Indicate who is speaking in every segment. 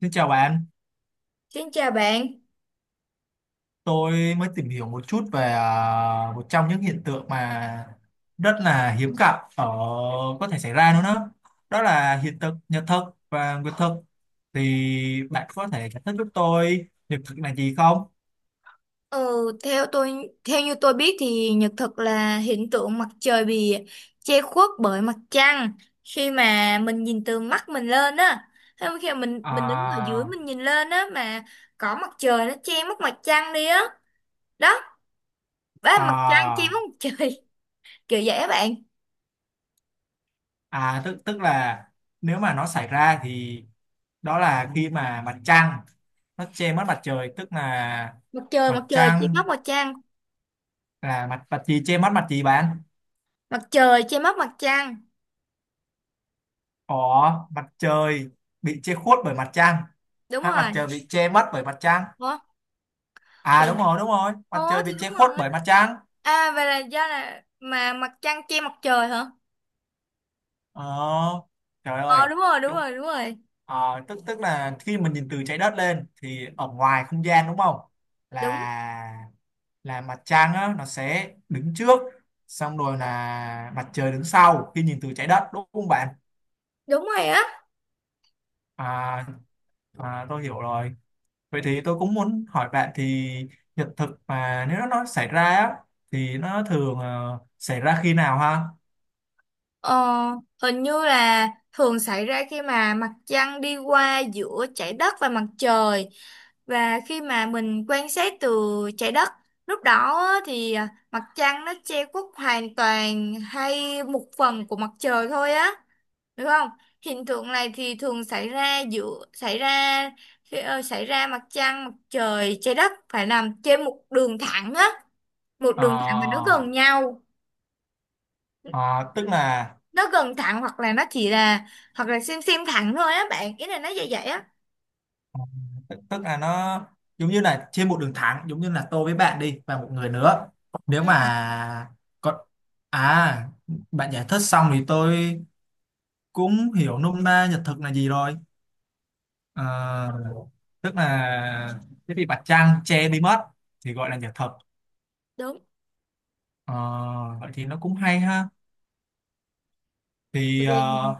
Speaker 1: Xin chào bạn,
Speaker 2: Xin chào bạn.
Speaker 1: tôi mới tìm hiểu một chút về một trong những hiện tượng mà rất là hiếm gặp ở có thể xảy ra nữa đó. Đó là hiện tượng nhật thực và nguyệt thực. Thì bạn có thể giải thích giúp tôi nhật thực là gì không?
Speaker 2: Ờ, theo như tôi biết thì nhật thực là hiện tượng mặt trời bị che khuất bởi mặt trăng khi mà mình nhìn từ mắt mình lên á. Hay khi mà mình đứng ở dưới
Speaker 1: À,
Speaker 2: mình nhìn lên á mà có mặt trời nó che mất mặt trăng đi á. Đó, ba mặt trăng che mất
Speaker 1: à,
Speaker 2: mặt trời. Kiểu vậy á bạn.
Speaker 1: à, tức tức là nếu mà nó xảy ra thì đó là khi mà mặt trăng nó che mất mặt trời, tức là
Speaker 2: Mặt trời
Speaker 1: mặt
Speaker 2: mặt trời che
Speaker 1: trăng
Speaker 2: mất mặt trăng.
Speaker 1: là mặt mặt gì che mất mặt gì bạn?
Speaker 2: Mặt trời che mất mặt trăng.
Speaker 1: Có mặt trời bị che khuất bởi mặt trăng
Speaker 2: Đúng
Speaker 1: hay mặt
Speaker 2: rồi.
Speaker 1: trời bị che mất bởi mặt trăng?
Speaker 2: Ủa
Speaker 1: À,
Speaker 2: thì
Speaker 1: đúng rồi, đúng rồi, mặt
Speaker 2: Ủa
Speaker 1: trời bị
Speaker 2: thì đúng
Speaker 1: che khuất
Speaker 2: rồi.
Speaker 1: bởi mặt trăng.
Speaker 2: À vậy là do là mà mặt trăng che mặt trời hả?
Speaker 1: Ờ, trời
Speaker 2: Ờ
Speaker 1: ơi,
Speaker 2: đúng rồi, đúng
Speaker 1: đúng.
Speaker 2: rồi, đúng rồi.
Speaker 1: Ờ, tức tức là khi mình nhìn từ trái đất lên thì ở ngoài không gian, đúng không?
Speaker 2: Đúng,
Speaker 1: Là là mặt trăng á, nó sẽ đứng trước, xong rồi là mặt trời đứng sau khi nhìn từ trái đất, đúng không bạn?
Speaker 2: đúng rồi á.
Speaker 1: À, à, tôi hiểu rồi. Vậy thì tôi cũng muốn hỏi bạn thì hiện thực mà nếu nó xảy ra á, thì nó thường xảy ra khi nào ha?
Speaker 2: Ờ, Hình như là thường xảy ra khi mà mặt trăng đi qua giữa trái đất và mặt trời và khi mà mình quan sát từ trái đất, lúc đó á, thì à, mặt trăng nó che khuất hoàn toàn hay một phần của mặt trời thôi á, được không? Hiện tượng này thì thường xảy ra giữa xảy ra khi ờ, xảy ra mặt trăng, mặt trời, trái đất phải nằm trên một đường thẳng á, một
Speaker 1: Ờ,
Speaker 2: đường thẳng mà nó gần nhau,
Speaker 1: ờ, tức là
Speaker 2: nó gần thẳng hoặc là nó chỉ là, hoặc là xem thẳng thôi á, bạn ý là nó vậy vậy á.
Speaker 1: ờ, tức là nó giống như là trên một đường thẳng, giống như là tôi với bạn đi và một người nữa. Nếu
Speaker 2: Ừ,
Speaker 1: mà còn. À, bạn giải thích xong thì tôi cũng hiểu nôm na nhật thực là gì rồi. Ờ, tức là cái bị mặt trăng che đi mất thì gọi là nhật thực.
Speaker 2: đúng.
Speaker 1: Ờ, vậy thì nó cũng hay ha. Thì
Speaker 2: Tại vì-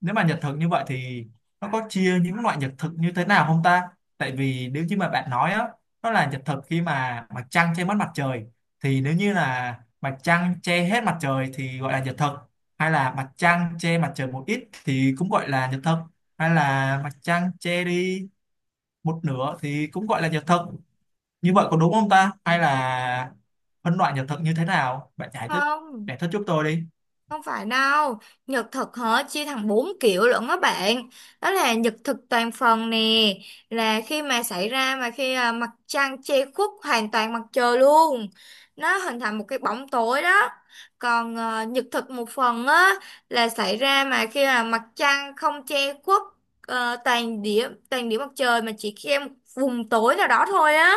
Speaker 1: nếu mà nhật thực như vậy thì nó có chia những loại nhật thực như thế nào không ta, tại vì nếu như mà bạn nói á, nó là nhật thực khi mà mặt trăng che mất mặt trời thì nếu như là mặt trăng che hết mặt trời thì gọi là nhật thực, hay là mặt trăng che mặt trời một ít thì cũng gọi là nhật thực, hay là mặt trăng che đi một nửa thì cũng gọi là nhật thực, như vậy có đúng không ta, hay là phân loại nhật thực như thế nào bạn giải thích
Speaker 2: Không.
Speaker 1: giải thích giúp tôi đi.
Speaker 2: Không phải đâu, nhật thực hả, chia thành 4 kiểu lận á bạn. Đó là nhật thực toàn phần nè, là khi mà xảy ra, mà khi à, mặt trăng che khuất hoàn toàn mặt trời luôn. Nó hình thành một cái bóng tối đó. Còn à, nhật thực một phần á là xảy ra mà khi là mặt trăng không che khuất ờ, toàn điểm mặt trời mà chỉ che một vùng tối nào đó thôi á.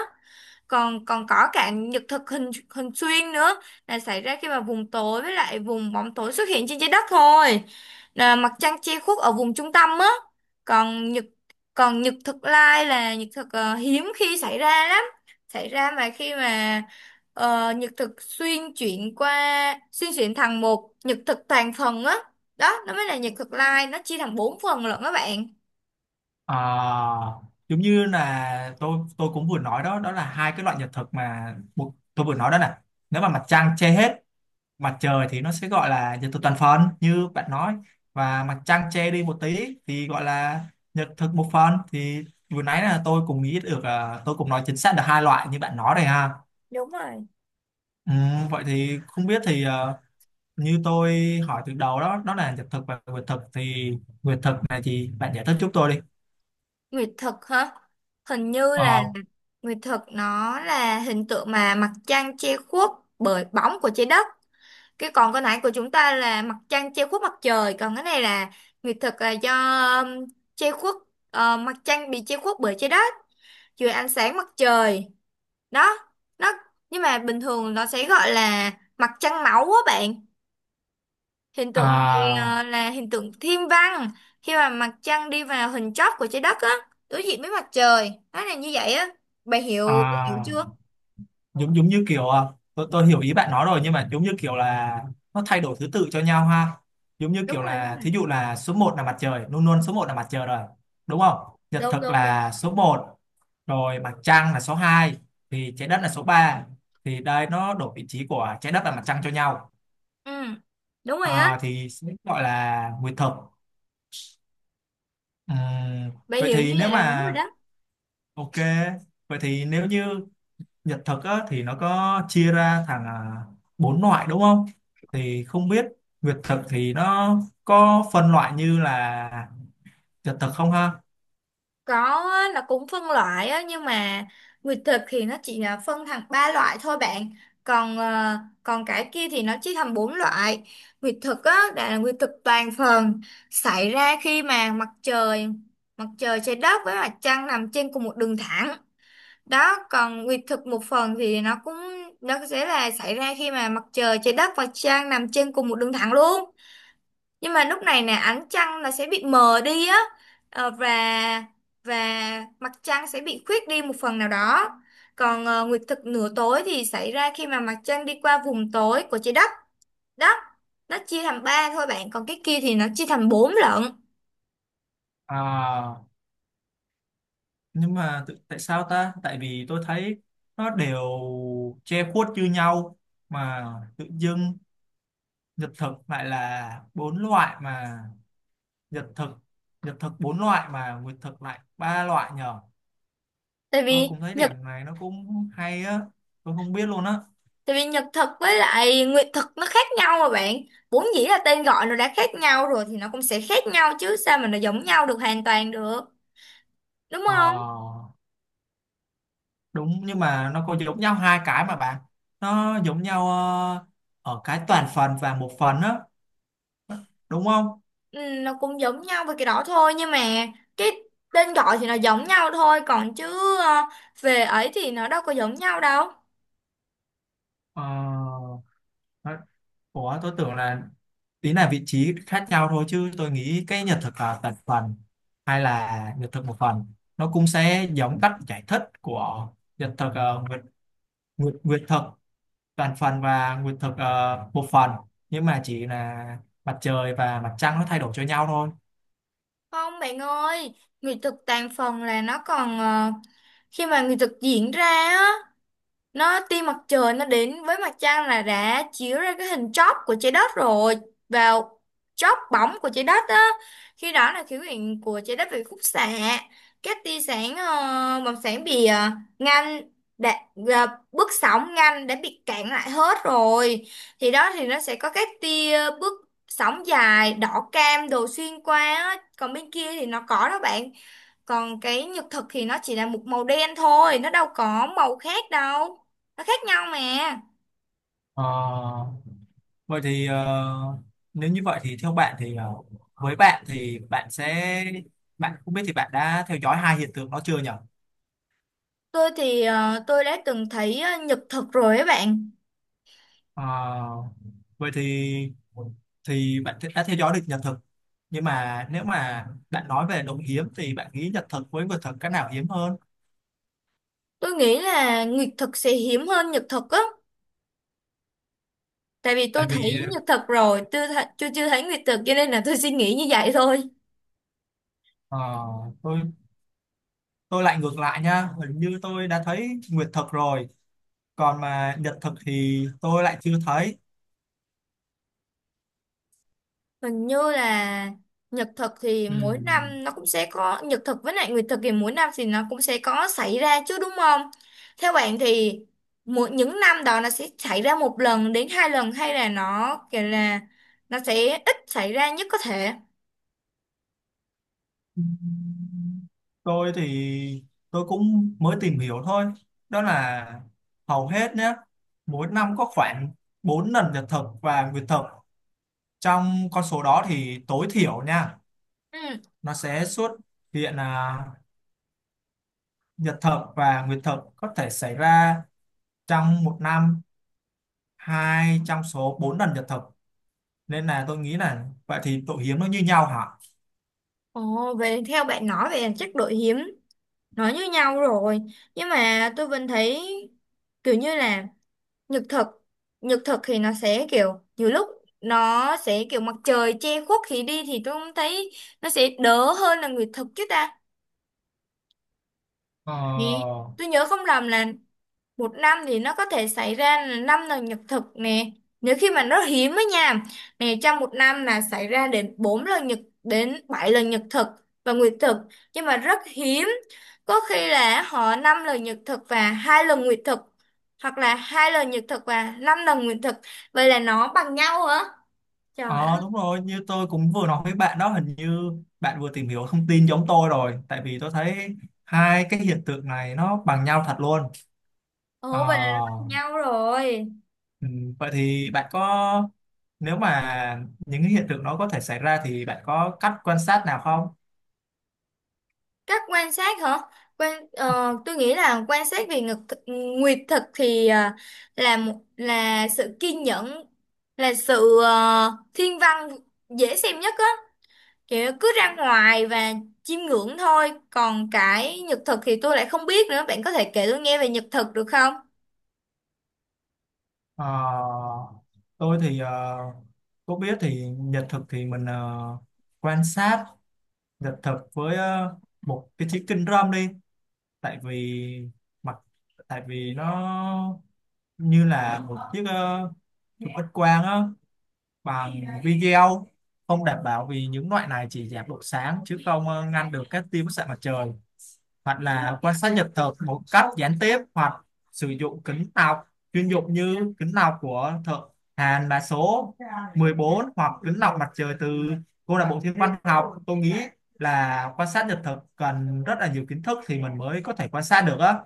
Speaker 2: Còn còn có cả nhật thực hình hình xuyên nữa, là xảy ra khi mà vùng tối với lại vùng bóng tối xuất hiện trên trái đất thôi, là mặt trăng che khuất ở vùng trung tâm á. còn nhật Còn nhật thực lai là nhật thực hiếm khi xảy ra lắm, xảy ra mà khi mà nhật thực xuyên chuyển thành một nhật thực toàn phần á, đó nó mới là nhật thực lai, nó chia thành 4 phần lận các bạn.
Speaker 1: À, giống như là tôi cũng vừa nói đó đó là hai cái loại nhật thực mà một, tôi vừa nói đó nè, nếu mà mặt trăng che hết mặt trời thì nó sẽ gọi là nhật thực toàn phần như bạn nói, và mặt trăng che đi một tí thì gọi là nhật thực một phần thì vừa nãy là tôi cũng nghĩ được, tôi cũng nói chính xác được hai loại như bạn nói đây ha.
Speaker 2: Đúng rồi.
Speaker 1: Ừ, vậy thì không biết thì, như tôi hỏi từ đầu đó đó là nhật thực và nguyệt thực thì nguyệt thực này thì bạn giải thích giúp tôi đi.
Speaker 2: Nguyệt thực hả? Hình như là
Speaker 1: Ờ,
Speaker 2: nguyệt thực nó là hình tượng mà mặt trăng che khuất bởi bóng của trái đất. Cái còn cái nãy của chúng ta là mặt trăng che khuất mặt trời, còn cái này là nguyệt thực là do, um, che khuất ờ, mặt trăng bị che khuất bởi trái đất dưới ánh sáng mặt trời. Đó, nó nhưng mà bình thường nó sẽ gọi là mặt trăng máu á bạn. Hiện tượng này ờ,
Speaker 1: à,
Speaker 2: là hiện tượng thiên văn khi mà mặt trăng đi vào hình chóp của trái đất á, đối diện với mặt trời, nó là như vậy á, bạn hiểu bà hiểu
Speaker 1: À,
Speaker 2: chưa?
Speaker 1: giống giống như kiểu, tôi hiểu ý bạn nói rồi nhưng mà giống như kiểu là nó thay đổi thứ tự cho nhau ha. Giống như
Speaker 2: Đúng
Speaker 1: kiểu
Speaker 2: rồi, đúng
Speaker 1: là
Speaker 2: rồi.
Speaker 1: thí dụ là số một là mặt trời, luôn luôn số một là mặt trời rồi. Đúng không? Nhật
Speaker 2: Đúng,
Speaker 1: thực
Speaker 2: đúng, đúng.
Speaker 1: là số một, rồi mặt trăng là số hai, thì trái đất là số ba. Thì đây nó đổi vị trí của trái đất và mặt trăng cho nhau.
Speaker 2: Ừ, đúng rồi á.
Speaker 1: À, thì sẽ gọi là nguyệt thực. Ừm,
Speaker 2: Bạn
Speaker 1: vậy
Speaker 2: hiểu như
Speaker 1: thì nếu
Speaker 2: vậy là đúng
Speaker 1: mà
Speaker 2: rồi đó.
Speaker 1: ok, vậy thì nếu như nhật thực á, thì nó có chia ra thành, bốn loại đúng không? Thì không biết Việt thực thì nó có phân loại như là nhật thực không ha?
Speaker 2: Có á, là cũng phân loại á, nhưng mà nguyệt thực thì nó chỉ là phân thành 3 loại thôi bạn. Còn ờ, còn cái kia thì nó chia thành 4 loại. Nguyệt thực á đã là nguyệt thực toàn phần xảy ra khi mà mặt trời trái đất với mặt trăng nằm trên cùng một đường thẳng. Đó, còn nguyệt thực một phần thì nó cũng, nó sẽ là xảy ra khi mà mặt trời trái đất và trăng nằm trên cùng một đường thẳng luôn, nhưng mà lúc này nè ánh trăng là sẽ bị mờ đi á. Ờ, và và mặt trăng sẽ bị khuyết đi một phần nào đó. Còn ờ, nguyệt thực nửa tối thì xảy ra khi mà mặt trăng đi qua vùng tối của trái đất đó, nó chia thành 3 thôi bạn, còn cái kia thì nó chia thành 4 lận.
Speaker 1: À, nhưng mà tại sao ta? Tại vì tôi thấy nó đều che khuất như nhau mà tự dưng nhật thực lại là bốn loại mà Nhật thực Nhật thực bốn loại mà nguyệt thực lại ba loại nhờ.
Speaker 2: tại
Speaker 1: Tôi
Speaker 2: vì
Speaker 1: cũng thấy
Speaker 2: nhật
Speaker 1: điểm này nó cũng hay á, tôi không biết luôn á.
Speaker 2: Tại vì nhật thực với lại nguyệt thực nó khác nhau mà bạn, vốn dĩ là tên gọi nó đã khác nhau rồi thì nó cũng sẽ khác nhau chứ, sao mà nó giống nhau được hoàn toàn được, đúng không?
Speaker 1: Ờ, đúng, nhưng mà nó có giống nhau hai cái mà bạn, nó giống nhau ở cái toàn phần và một phần á, đúng không?
Speaker 2: Ừ, nó cũng giống nhau về cái đó thôi, nhưng mà cái tên gọi thì nó giống nhau thôi, còn chứ về ấy thì nó đâu có giống nhau đâu.
Speaker 1: Ờ, nó- ủa tôi tưởng là tí là vị trí khác nhau thôi, chứ tôi nghĩ cái nhật thực là toàn phần hay là nhật thực một phần nó cũng sẽ giống cách giải thích của nhật thực, nguyệt thực toàn phần và nguyệt thực một phần, nhưng mà chỉ là mặt trời và mặt trăng nó thay đổi cho nhau thôi.
Speaker 2: Không bạn ơi, nghệ thuật tàn phần là nó còn ờ, khi mà nghệ thuật diễn ra á, nó tia mặt trời nó đến với mặt trăng là đã chiếu ra cái hình chóp của trái đất rồi, vào chóp bóng của trái đất á, khi đó là khí quyển của trái đất bị khúc xạ các tia sáng bằng sáng bị ngăn đã, bước sóng ngăn đã bị cản lại hết rồi, thì đó thì nó sẽ có các tia bước sóng dài đỏ cam đồ xuyên qua á, còn bên kia thì nó có đó bạn, còn cái nhật thực thì nó chỉ là một màu đen thôi, nó đâu có màu khác đâu, nó khác nhau mà.
Speaker 1: Ờ, vậy thì nếu như vậy thì theo bạn thì, với bạn thì bạn sẽ, bạn không biết thì bạn đã theo dõi hai hiện tượng đó chưa nhỉ?
Speaker 2: Tôi đã từng thấy nhật thực rồi ấy bạn.
Speaker 1: Ờ, vậy thì bạn đã theo dõi được nhật thực, nhưng mà nếu mà bạn nói về đồng hiếm thì bạn nghĩ nhật thực với vật thực cái nào hiếm hơn?
Speaker 2: Tôi nghĩ là nguyệt thực sẽ hiếm hơn nhật thực á, tại vì tôi
Speaker 1: Tại
Speaker 2: thấy
Speaker 1: vì
Speaker 2: nhật thực rồi, chưa chưa thấy nguyệt thực, cho nên là tôi suy nghĩ như vậy thôi.
Speaker 1: ờ, tôi tôi lại ngược lại nha, hình như tôi đã thấy nguyệt thực rồi, còn mà nhật thực thì tôi lại chưa thấy.
Speaker 2: Hình như là nhật thực thì
Speaker 1: Ừ.
Speaker 2: mỗi năm nó cũng sẽ có, nhật thực với lại nguyệt thực thì mỗi năm thì nó cũng sẽ có xảy ra chứ đúng không? Theo bạn thì mỗi những năm đó nó sẽ xảy ra 1 lần đến 2 lần, hay là nó kiểu là nó sẽ ít xảy ra nhất có thể.
Speaker 1: Tôi thì tôi cũng mới tìm hiểu thôi, đó là hầu hết nhé, mỗi năm có khoảng 4 lần nhật thực và nguyệt thực, trong con số đó thì tối thiểu nha,
Speaker 2: Ừ.
Speaker 1: nó sẽ xuất hiện là nhật thực và nguyệt thực có thể xảy ra trong một năm hai trong số 4 lần nhật thực, nên là tôi nghĩ là vậy thì độ hiếm nó như nhau hả.
Speaker 2: Ồ, về theo bạn nói về chắc đội hiếm nó như nhau rồi. Nhưng mà tôi vẫn thấy kiểu như là nhật thực nhật thực thì nó sẽ kiểu nhiều lúc nó sẽ kiểu mặt trời che khuất thì đi, thì tôi cũng thấy nó sẽ đỡ hơn là nguyệt thực chứ ta,
Speaker 1: ờ
Speaker 2: vì tôi nhớ không lầm là một năm thì nó có thể xảy ra là 5 lần nhật thực nè, nếu khi mà nó hiếm á nha, nè trong một năm là xảy ra đến 4 lần nhật, đến 7 lần nhật thực và nguyệt thực, nhưng mà rất hiếm, có khi là họ 5 lần nhật thực và 2 lần nguyệt thực, hoặc là 2 lần nhật thực và 5 lần nguyệt thực, vậy là nó bằng nhau hả, trời ơi.
Speaker 1: Ờ, đúng rồi, như tôi cũng vừa nói với bạn đó, hình như bạn vừa tìm hiểu thông tin giống tôi rồi tại vì tôi thấy hai cái hiện tượng này nó bằng nhau thật luôn.
Speaker 2: Ồ vậy là nó bằng
Speaker 1: Ờ,
Speaker 2: nhau rồi.
Speaker 1: ừ, vậy thì bạn có, nếu mà những cái hiện tượng nó có thể xảy ra thì bạn có cách quan sát nào không?
Speaker 2: Cách quan sát hả? Tôi nghĩ là quan sát về ngực thực, nguyệt thực thì là một là sự kiên nhẫn, là sự thiên văn dễ xem nhất á, kiểu cứ ra ngoài và chiêm ngưỡng thôi. Còn cái nhật thực thì tôi lại không biết nữa. Bạn có thể kể tôi nghe về nhật thực được không?
Speaker 1: Ờ, tôi thì có biết thì nhật thực thì mình quan sát nhật thực với một cái chiếc kính râm đi, tại vì mặt, tại vì nó như là một chiếc chụp X quang á bằng video, không đảm bảo vì những loại này chỉ giảm độ sáng chứ không ngăn được các tia bức xạ mặt trời, hoặc là quan sát nhật thực một cách gián tiếp hoặc sử dụng kính lọc chuyên dụng như kính lọc của thợ Hàn mã số 14 hoặc kính lọc mặt trời từ câu lạc bộ thiên văn học, tôi nghĩ là quan sát nhật thực cần rất là nhiều kiến thức thì mình mới có thể quan sát được á.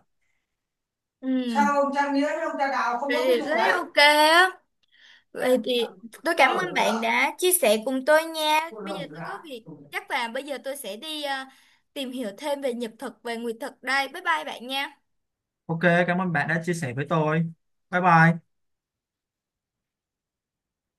Speaker 2: Ừ,
Speaker 1: Sao ông trang nghĩa với ông Trang đào không
Speaker 2: vậy
Speaker 1: có cái
Speaker 2: thì
Speaker 1: vụ
Speaker 2: rất
Speaker 1: đấy.
Speaker 2: ok á. Vậy thì tôi cảm
Speaker 1: Mở
Speaker 2: ơn bạn đã chia sẻ cùng tôi nha. Bây giờ
Speaker 1: rộng.
Speaker 2: tôi có việc, chắc là bây giờ tôi sẽ đi tìm hiểu thêm về nhật thực, về nguyệt thực đây. Bye bye bạn nha.
Speaker 1: Ok, cảm ơn bạn đã chia sẻ với tôi. Bye bye.